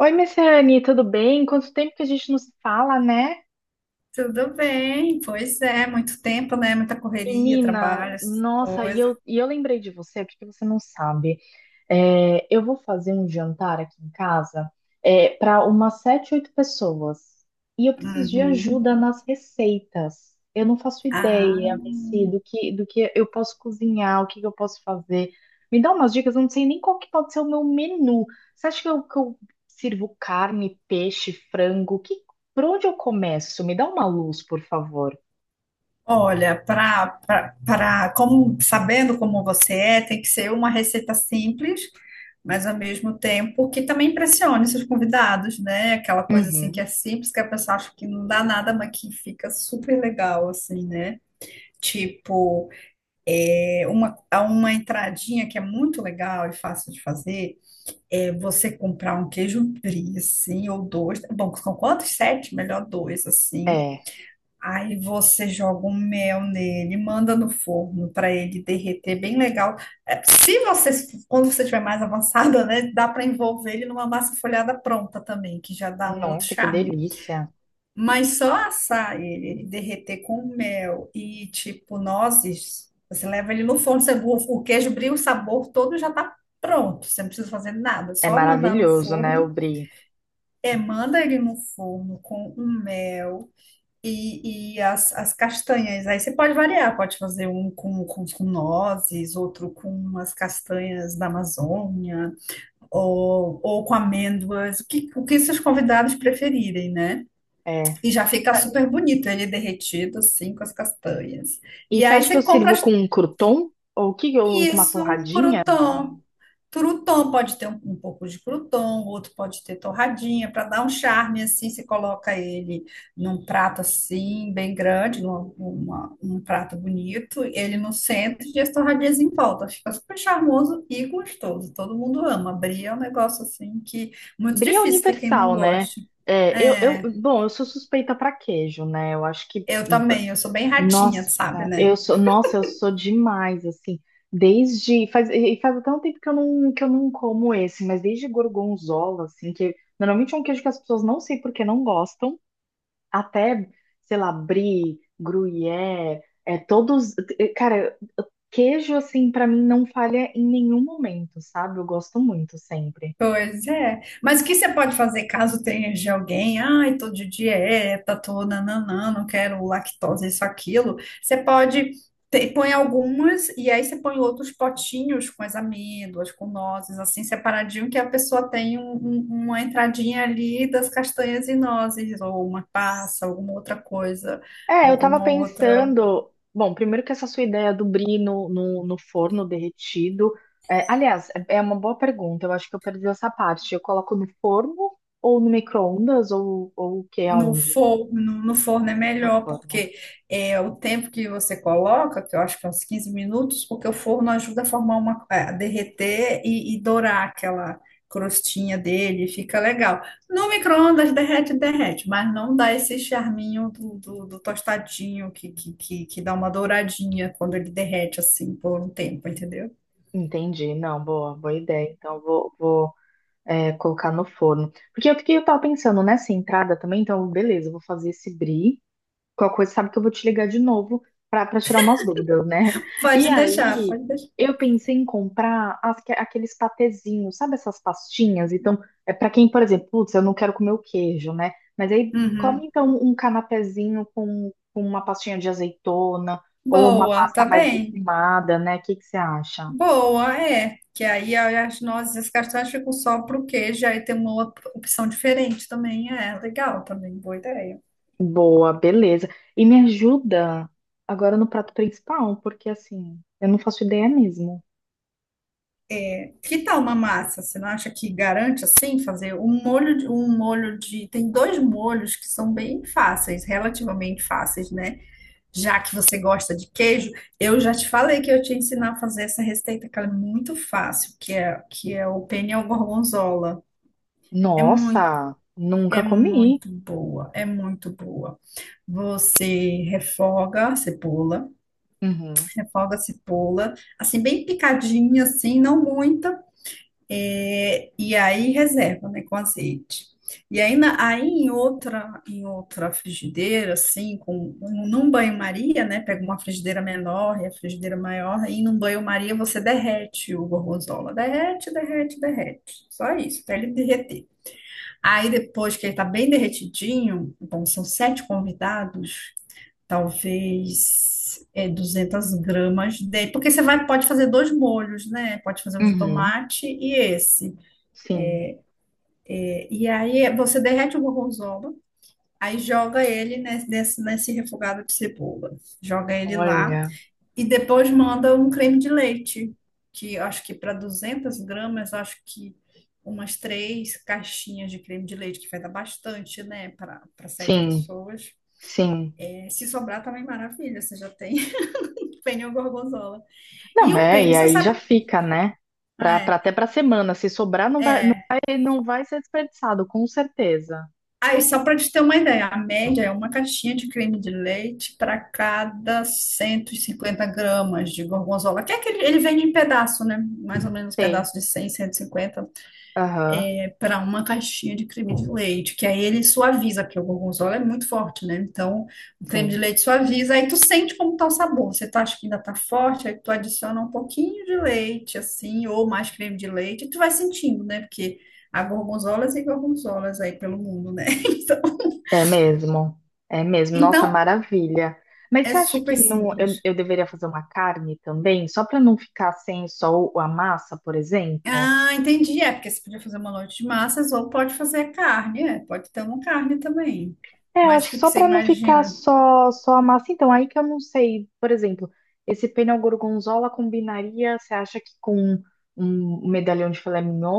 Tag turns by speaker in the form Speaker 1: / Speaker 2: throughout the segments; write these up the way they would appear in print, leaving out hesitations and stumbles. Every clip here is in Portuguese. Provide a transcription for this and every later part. Speaker 1: Oi, Messiane, tudo bem? Quanto tempo que a gente não se fala, né?
Speaker 2: Tudo bem, pois é, muito tempo, né? Muita correria,
Speaker 1: Menina,
Speaker 2: trabalho, essas
Speaker 1: nossa, e
Speaker 2: coisas.
Speaker 1: eu, e eu lembrei de você, porque você não sabe. É, eu vou fazer um jantar aqui em casa, para umas sete, oito pessoas. E eu preciso de
Speaker 2: Uhum.
Speaker 1: ajuda nas receitas. Eu não faço
Speaker 2: Ah,
Speaker 1: ideia, Messi, do que eu posso cozinhar, o que que eu posso fazer. Me dá umas dicas, eu não sei nem qual que pode ser o meu menu. Você acha que que eu sirvo carne, peixe, frango? Por onde eu começo? Me dá uma luz, por favor.
Speaker 2: olha, para como sabendo como você é, tem que ser uma receita simples, mas ao mesmo tempo que também impressione seus convidados, né? Aquela coisa assim que
Speaker 1: Uhum.
Speaker 2: é simples, que a pessoa acha que não dá nada, mas que fica super legal, assim, né? Tipo, há uma entradinha que é muito legal e fácil de fazer é você comprar um queijo brie, assim, ou dois. Bom, são quantos? Sete? Melhor dois, assim.
Speaker 1: É.
Speaker 2: Aí você joga um mel nele, manda no forno para ele derreter bem legal. É, se você, quando você estiver mais avançada, né, dá para envolver ele numa massa folhada pronta também, que já dá um outro
Speaker 1: Nossa, que
Speaker 2: charme.
Speaker 1: delícia.
Speaker 2: Mas só assar ele, ele derreter com mel e tipo nozes, você leva ele no forno, você, o queijo brie, o sabor todo já tá pronto. Você não precisa fazer nada,
Speaker 1: É
Speaker 2: só mandar no
Speaker 1: maravilhoso, né, o
Speaker 2: forno.
Speaker 1: brie?
Speaker 2: É, manda ele no forno com um mel e as castanhas. Aí você pode variar, pode fazer um com, com nozes, outro com umas castanhas da Amazônia, ou com amêndoas, o que seus convidados preferirem, né?
Speaker 1: É.
Speaker 2: E já fica super bonito ele derretido, assim, com as castanhas.
Speaker 1: E
Speaker 2: E
Speaker 1: você
Speaker 2: aí
Speaker 1: acha que eu
Speaker 2: você compra
Speaker 1: sirvo com um crouton? Ou com uma
Speaker 2: isso,
Speaker 1: torradinha? Hum.
Speaker 2: crouton. Crouton pode ter um, um pouco de crouton, outro pode ter torradinha, para dar um charme, assim, você coloca ele num prato, assim, bem grande, um prato bonito, ele no centro e as torradinhas em volta. Fica super charmoso e gostoso. Todo mundo ama. Brie é um negócio, assim, que muito
Speaker 1: Brie é
Speaker 2: difícil ter quem não
Speaker 1: universal, né?
Speaker 2: goste.
Speaker 1: É, eu,
Speaker 2: É,
Speaker 1: bom, eu sou suspeita para queijo, né? Eu acho que
Speaker 2: eu também, eu sou bem ratinha, sabe, né?
Speaker 1: nossa, eu sou demais, assim. E faz até um tempo que eu não como esse, mas desde gorgonzola, assim, que normalmente é um queijo que as pessoas não sei por que não gostam. Até, sei lá, brie, gruyère, é todos, cara, queijo assim pra mim não falha em nenhum momento, sabe? Eu gosto muito sempre.
Speaker 2: Pois é. Mas o que você pode fazer caso tenha de alguém? Ai, tô de dieta, tô nananã, não quero lactose, isso, aquilo. Você pode. Põe algumas e aí você põe outros potinhos com as amêndoas, com nozes, assim, separadinho, que a pessoa tem uma entradinha ali das castanhas e nozes, ou uma passa, alguma outra coisa,
Speaker 1: É, eu tava
Speaker 2: alguma outra.
Speaker 1: pensando, bom, primeiro que essa sua ideia do brie no forno derretido, é, aliás, é uma boa pergunta, eu acho que eu perdi essa parte. Eu coloco no forno ou no micro-ondas ou o que
Speaker 2: No
Speaker 1: aonde?
Speaker 2: forno, no forno é
Speaker 1: No
Speaker 2: melhor,
Speaker 1: forno.
Speaker 2: porque é o tempo que você coloca, que eu acho que é uns 15 minutos, porque o forno ajuda a formar uma, é, a derreter e dourar aquela crostinha dele, fica legal. No micro-ondas derrete, derrete, mas não dá esse charminho do tostadinho que dá uma douradinha quando ele derrete assim por um tempo, entendeu?
Speaker 1: Entendi, não, boa, boa ideia. Então vou colocar no forno. Porque que eu tava pensando nessa entrada também, então, beleza, eu vou fazer esse brie. Qualquer coisa, sabe que eu vou te ligar de novo pra tirar umas dúvidas, né? E
Speaker 2: Pode deixar,
Speaker 1: aí,
Speaker 2: pode deixar.
Speaker 1: eu pensei em comprar aqueles patezinhos, sabe essas pastinhas? Então, é para quem, por exemplo, putz, eu não quero comer o queijo, né? Mas aí,
Speaker 2: Uhum.
Speaker 1: come então um canapézinho com uma pastinha de azeitona ou uma
Speaker 2: Boa, tá
Speaker 1: pasta mais
Speaker 2: bem.
Speaker 1: defumada, né? O que que você acha?
Speaker 2: Boa, é. Que aí as nozes e as castanhas ficam só pro queijo, aí tem uma outra opção diferente também. É legal também, boa ideia.
Speaker 1: Boa, beleza. E me ajuda agora no prato principal, porque assim, eu não faço ideia mesmo.
Speaker 2: Que tal uma massa? Você não acha que garante assim fazer um molho de. Tem dois molhos que são bem fáceis, relativamente fáceis, né? Já que você gosta de queijo, eu já te falei que eu te ensinar a fazer essa receita, que ela é muito fácil, que é o penne ao gorgonzola. É muito,
Speaker 1: Nossa,
Speaker 2: é
Speaker 1: nunca comi.
Speaker 2: muito boa, é muito boa. Você
Speaker 1: Uhum,
Speaker 2: refoga a cebola, assim, bem picadinha, assim, não muita, e aí reserva, né, com azeite. E aí, aí em outra frigideira, assim, num banho-maria, né, pega uma frigideira menor e a frigideira maior, aí num banho-maria você derrete o gorgonzola, derrete, derrete, derrete, só isso, até ele derreter. Aí depois que ele tá bem derretidinho, bom, são sete convidados, talvez 200 gramas dele, porque você vai, pode fazer dois molhos, né? Pode fazer um de
Speaker 1: uhum,
Speaker 2: tomate e esse.
Speaker 1: sim.
Speaker 2: E aí você derrete o gorgonzola, aí joga ele nesse refogado de cebola, joga ele lá
Speaker 1: Olha,
Speaker 2: e depois manda um creme de leite, que eu acho que para 200 gramas, eu acho que umas três caixinhas de creme de leite, que vai dar bastante, né, para sete
Speaker 1: sim,
Speaker 2: pessoas.
Speaker 1: sim.
Speaker 2: Se sobrar também maravilha, você já tem, tem o gorgonzola. E
Speaker 1: Não,
Speaker 2: o
Speaker 1: é, e
Speaker 2: pênis, você
Speaker 1: aí já
Speaker 2: sabe.
Speaker 1: fica, né? Pra,
Speaker 2: Ah,
Speaker 1: pra,
Speaker 2: é.
Speaker 1: até pra semana. Se sobrar, não vai ser desperdiçado, com certeza.
Speaker 2: Aí, só para te ter uma ideia, a média é uma caixinha de creme de leite para cada 150 gramas de gorgonzola, que é aquele, ele vem em pedaço, né? Mais ou menos
Speaker 1: Sei.
Speaker 2: pedaço de cem cento e cinquenta
Speaker 1: Aham,
Speaker 2: para uma caixinha de creme de leite, que aí ele suaviza, porque o gorgonzola é muito forte, né? Então, o creme de
Speaker 1: sim.
Speaker 2: leite suaviza, aí tu sente como tá o sabor. Você tá, acha que ainda tá forte, aí tu adiciona um pouquinho de leite, assim, ou mais creme de leite, e tu vai sentindo, né? Porque há gorgonzolas e gorgonzolas aí pelo mundo, né? Então,
Speaker 1: É mesmo, é mesmo. Nossa,
Speaker 2: então
Speaker 1: maravilha. Mas
Speaker 2: é
Speaker 1: você acha que
Speaker 2: super
Speaker 1: não, eu,
Speaker 2: simples.
Speaker 1: eu deveria fazer uma carne também, só para não ficar sem só a massa, por exemplo?
Speaker 2: Ah, entendi. É, porque você podia fazer uma noite de massas ou pode fazer carne, é, pode ter uma carne também.
Speaker 1: É, eu
Speaker 2: Mas
Speaker 1: acho
Speaker 2: o
Speaker 1: que
Speaker 2: que que
Speaker 1: só
Speaker 2: você
Speaker 1: para não ficar
Speaker 2: imagina?
Speaker 1: só, só a massa. Então, aí que eu não sei, por exemplo, esse pênel gorgonzola combinaria, você acha que com um medalhão de filé mignon,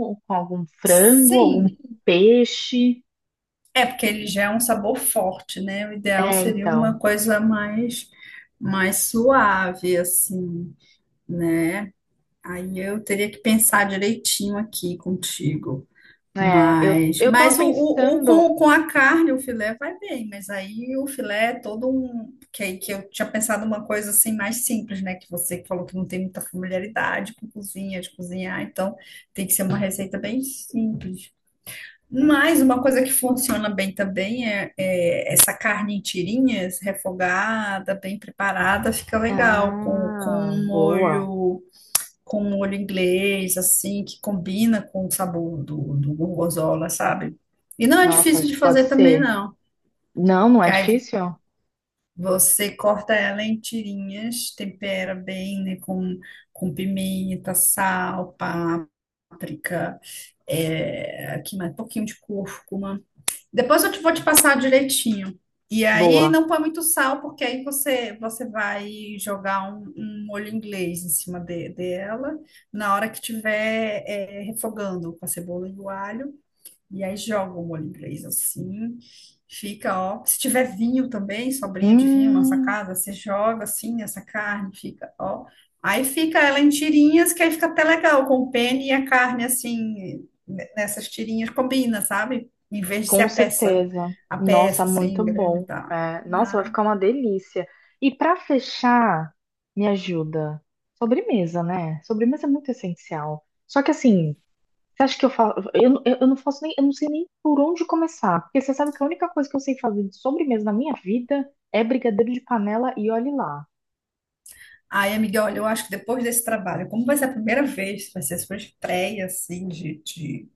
Speaker 1: ou com algum frango, algum
Speaker 2: Sim,
Speaker 1: peixe?
Speaker 2: Porque ele já é um sabor forte, né? O ideal
Speaker 1: É,
Speaker 2: seria
Speaker 1: então.
Speaker 2: uma coisa mais, mais suave, assim, né? Aí eu teria que pensar direitinho aqui contigo.
Speaker 1: É, eu,
Speaker 2: Mas,
Speaker 1: eu tava
Speaker 2: mas o, o, o-
Speaker 1: pensando.
Speaker 2: com, com a carne, o filé vai bem, mas aí o filé é todo um. Que, aí que eu tinha pensado uma coisa assim mais simples, né? Que você falou que não tem muita familiaridade com cozinha, de cozinhar, então tem que ser uma receita bem simples. Mas uma coisa que funciona bem também é, é essa carne em tirinhas, refogada, bem preparada, fica legal
Speaker 1: Ah, boa.
Speaker 2: com um molho inglês, assim, que combina com o sabor do gorgonzola, sabe? E não é
Speaker 1: Nossa,
Speaker 2: difícil
Speaker 1: acho
Speaker 2: de
Speaker 1: que pode
Speaker 2: fazer também,
Speaker 1: ser.
Speaker 2: não.
Speaker 1: Não, não é
Speaker 2: Que aí
Speaker 1: difícil?
Speaker 2: você corta ela em tirinhas, tempera bem, né, com pimenta, sal, páprica, aqui mais um pouquinho de cúrcuma. Depois eu te vou te passar direitinho. E aí
Speaker 1: Boa.
Speaker 2: não põe muito sal, porque aí você, você vai jogar um molho inglês em cima dela na hora que tiver refogando com a cebola e o alho. E aí joga o molho inglês assim, fica, ó. Se tiver vinho também, sobrinho de vinho na
Speaker 1: Hum,
Speaker 2: sacada, você joga assim essa carne, fica, ó. Aí fica ela em tirinhas, que aí fica até legal, com o pene e a carne assim, nessas tirinhas combina, sabe? Em vez de ser
Speaker 1: com certeza.
Speaker 2: a
Speaker 1: Nossa,
Speaker 2: peça
Speaker 1: muito
Speaker 2: assim, grande e
Speaker 1: bom.
Speaker 2: tal.
Speaker 1: É, nossa, vai
Speaker 2: Né?
Speaker 1: ficar uma delícia. E para fechar, me ajuda. Sobremesa, né? Sobremesa é muito essencial. Só que assim, você acha que eu faço. Eu não faço nem. Eu não sei nem por onde começar. Porque você sabe que a única coisa que eu sei fazer de sobremesa na minha vida é brigadeiro de panela e olhe lá.
Speaker 2: Aí, amiga, olha, eu acho que depois desse trabalho, como vai ser a primeira vez, vai ser a sua estreia, assim,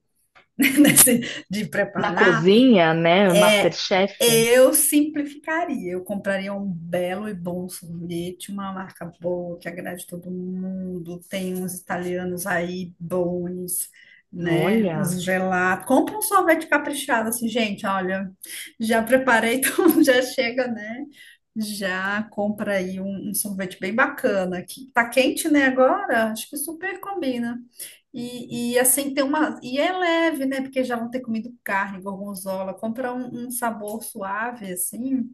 Speaker 2: de
Speaker 1: Na
Speaker 2: preparar,
Speaker 1: cozinha, né? MasterChef.
Speaker 2: eu simplificaria, eu compraria um belo e bom sorvete, uma marca boa que agrade todo mundo. Tem uns italianos aí bons, né?
Speaker 1: Olha.
Speaker 2: Uns gelato. Compra um sorvete caprichado, assim, gente. Olha, já preparei, então já chega, né? Já compra aí um sorvete bem bacana. Que tá quente, né? Agora, acho que super combina. Assim tem uma. E é leve, né? Porque já vão ter comido carne, gorgonzola. Compra um sabor suave, assim,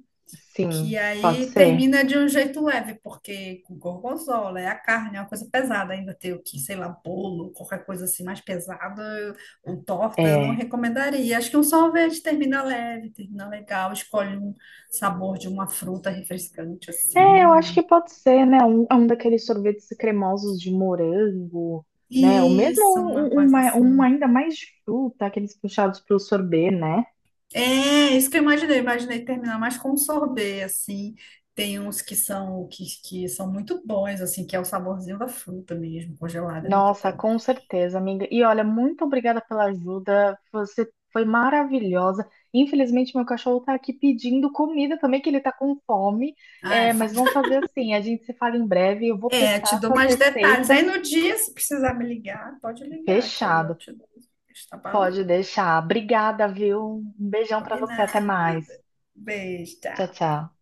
Speaker 2: que
Speaker 1: Sim, pode
Speaker 2: aí
Speaker 1: ser.
Speaker 2: termina de um jeito leve, porque com gorgonzola é a carne, é uma coisa pesada. Ainda ter o que, sei lá, bolo, qualquer coisa assim mais pesada, ou torta, eu não
Speaker 1: É.
Speaker 2: recomendaria. Acho que um sorvete termina leve, termina legal. Escolhe um sabor de uma fruta refrescante,
Speaker 1: É, eu acho
Speaker 2: assim.
Speaker 1: que pode ser, né? É um daqueles sorvetes cremosos de morango, né? Ou mesmo
Speaker 2: Isso, uma
Speaker 1: um, um,
Speaker 2: coisa
Speaker 1: ma- um
Speaker 2: assim.
Speaker 1: ainda mais de fruta, aqueles puxados para o sorbet, né?
Speaker 2: É, isso que eu imaginei. Eu imaginei terminar mais com um sorbet, assim. Tem uns que são que são muito bons, assim, que é o saborzinho da fruta mesmo, congelada, é muito
Speaker 1: Nossa,
Speaker 2: bom.
Speaker 1: com certeza, amiga. E olha, muito obrigada pela ajuda. Você foi maravilhosa. Infelizmente, meu cachorro tá aqui pedindo comida também, que ele tá com fome.
Speaker 2: Ah,
Speaker 1: É, mas vamos fazer assim: a gente se fala em breve. Eu vou
Speaker 2: é, te
Speaker 1: testar
Speaker 2: dou
Speaker 1: suas
Speaker 2: mais detalhes.
Speaker 1: receitas.
Speaker 2: Aí no dia, se precisar me ligar, pode ligar, que aí eu
Speaker 1: Fechado.
Speaker 2: te dou. Tá bom?
Speaker 1: Pode deixar. Obrigada, viu? Um beijão pra você. Até mais.
Speaker 2: Combinado. Beijo,
Speaker 1: Tchau,
Speaker 2: tchau.
Speaker 1: tchau.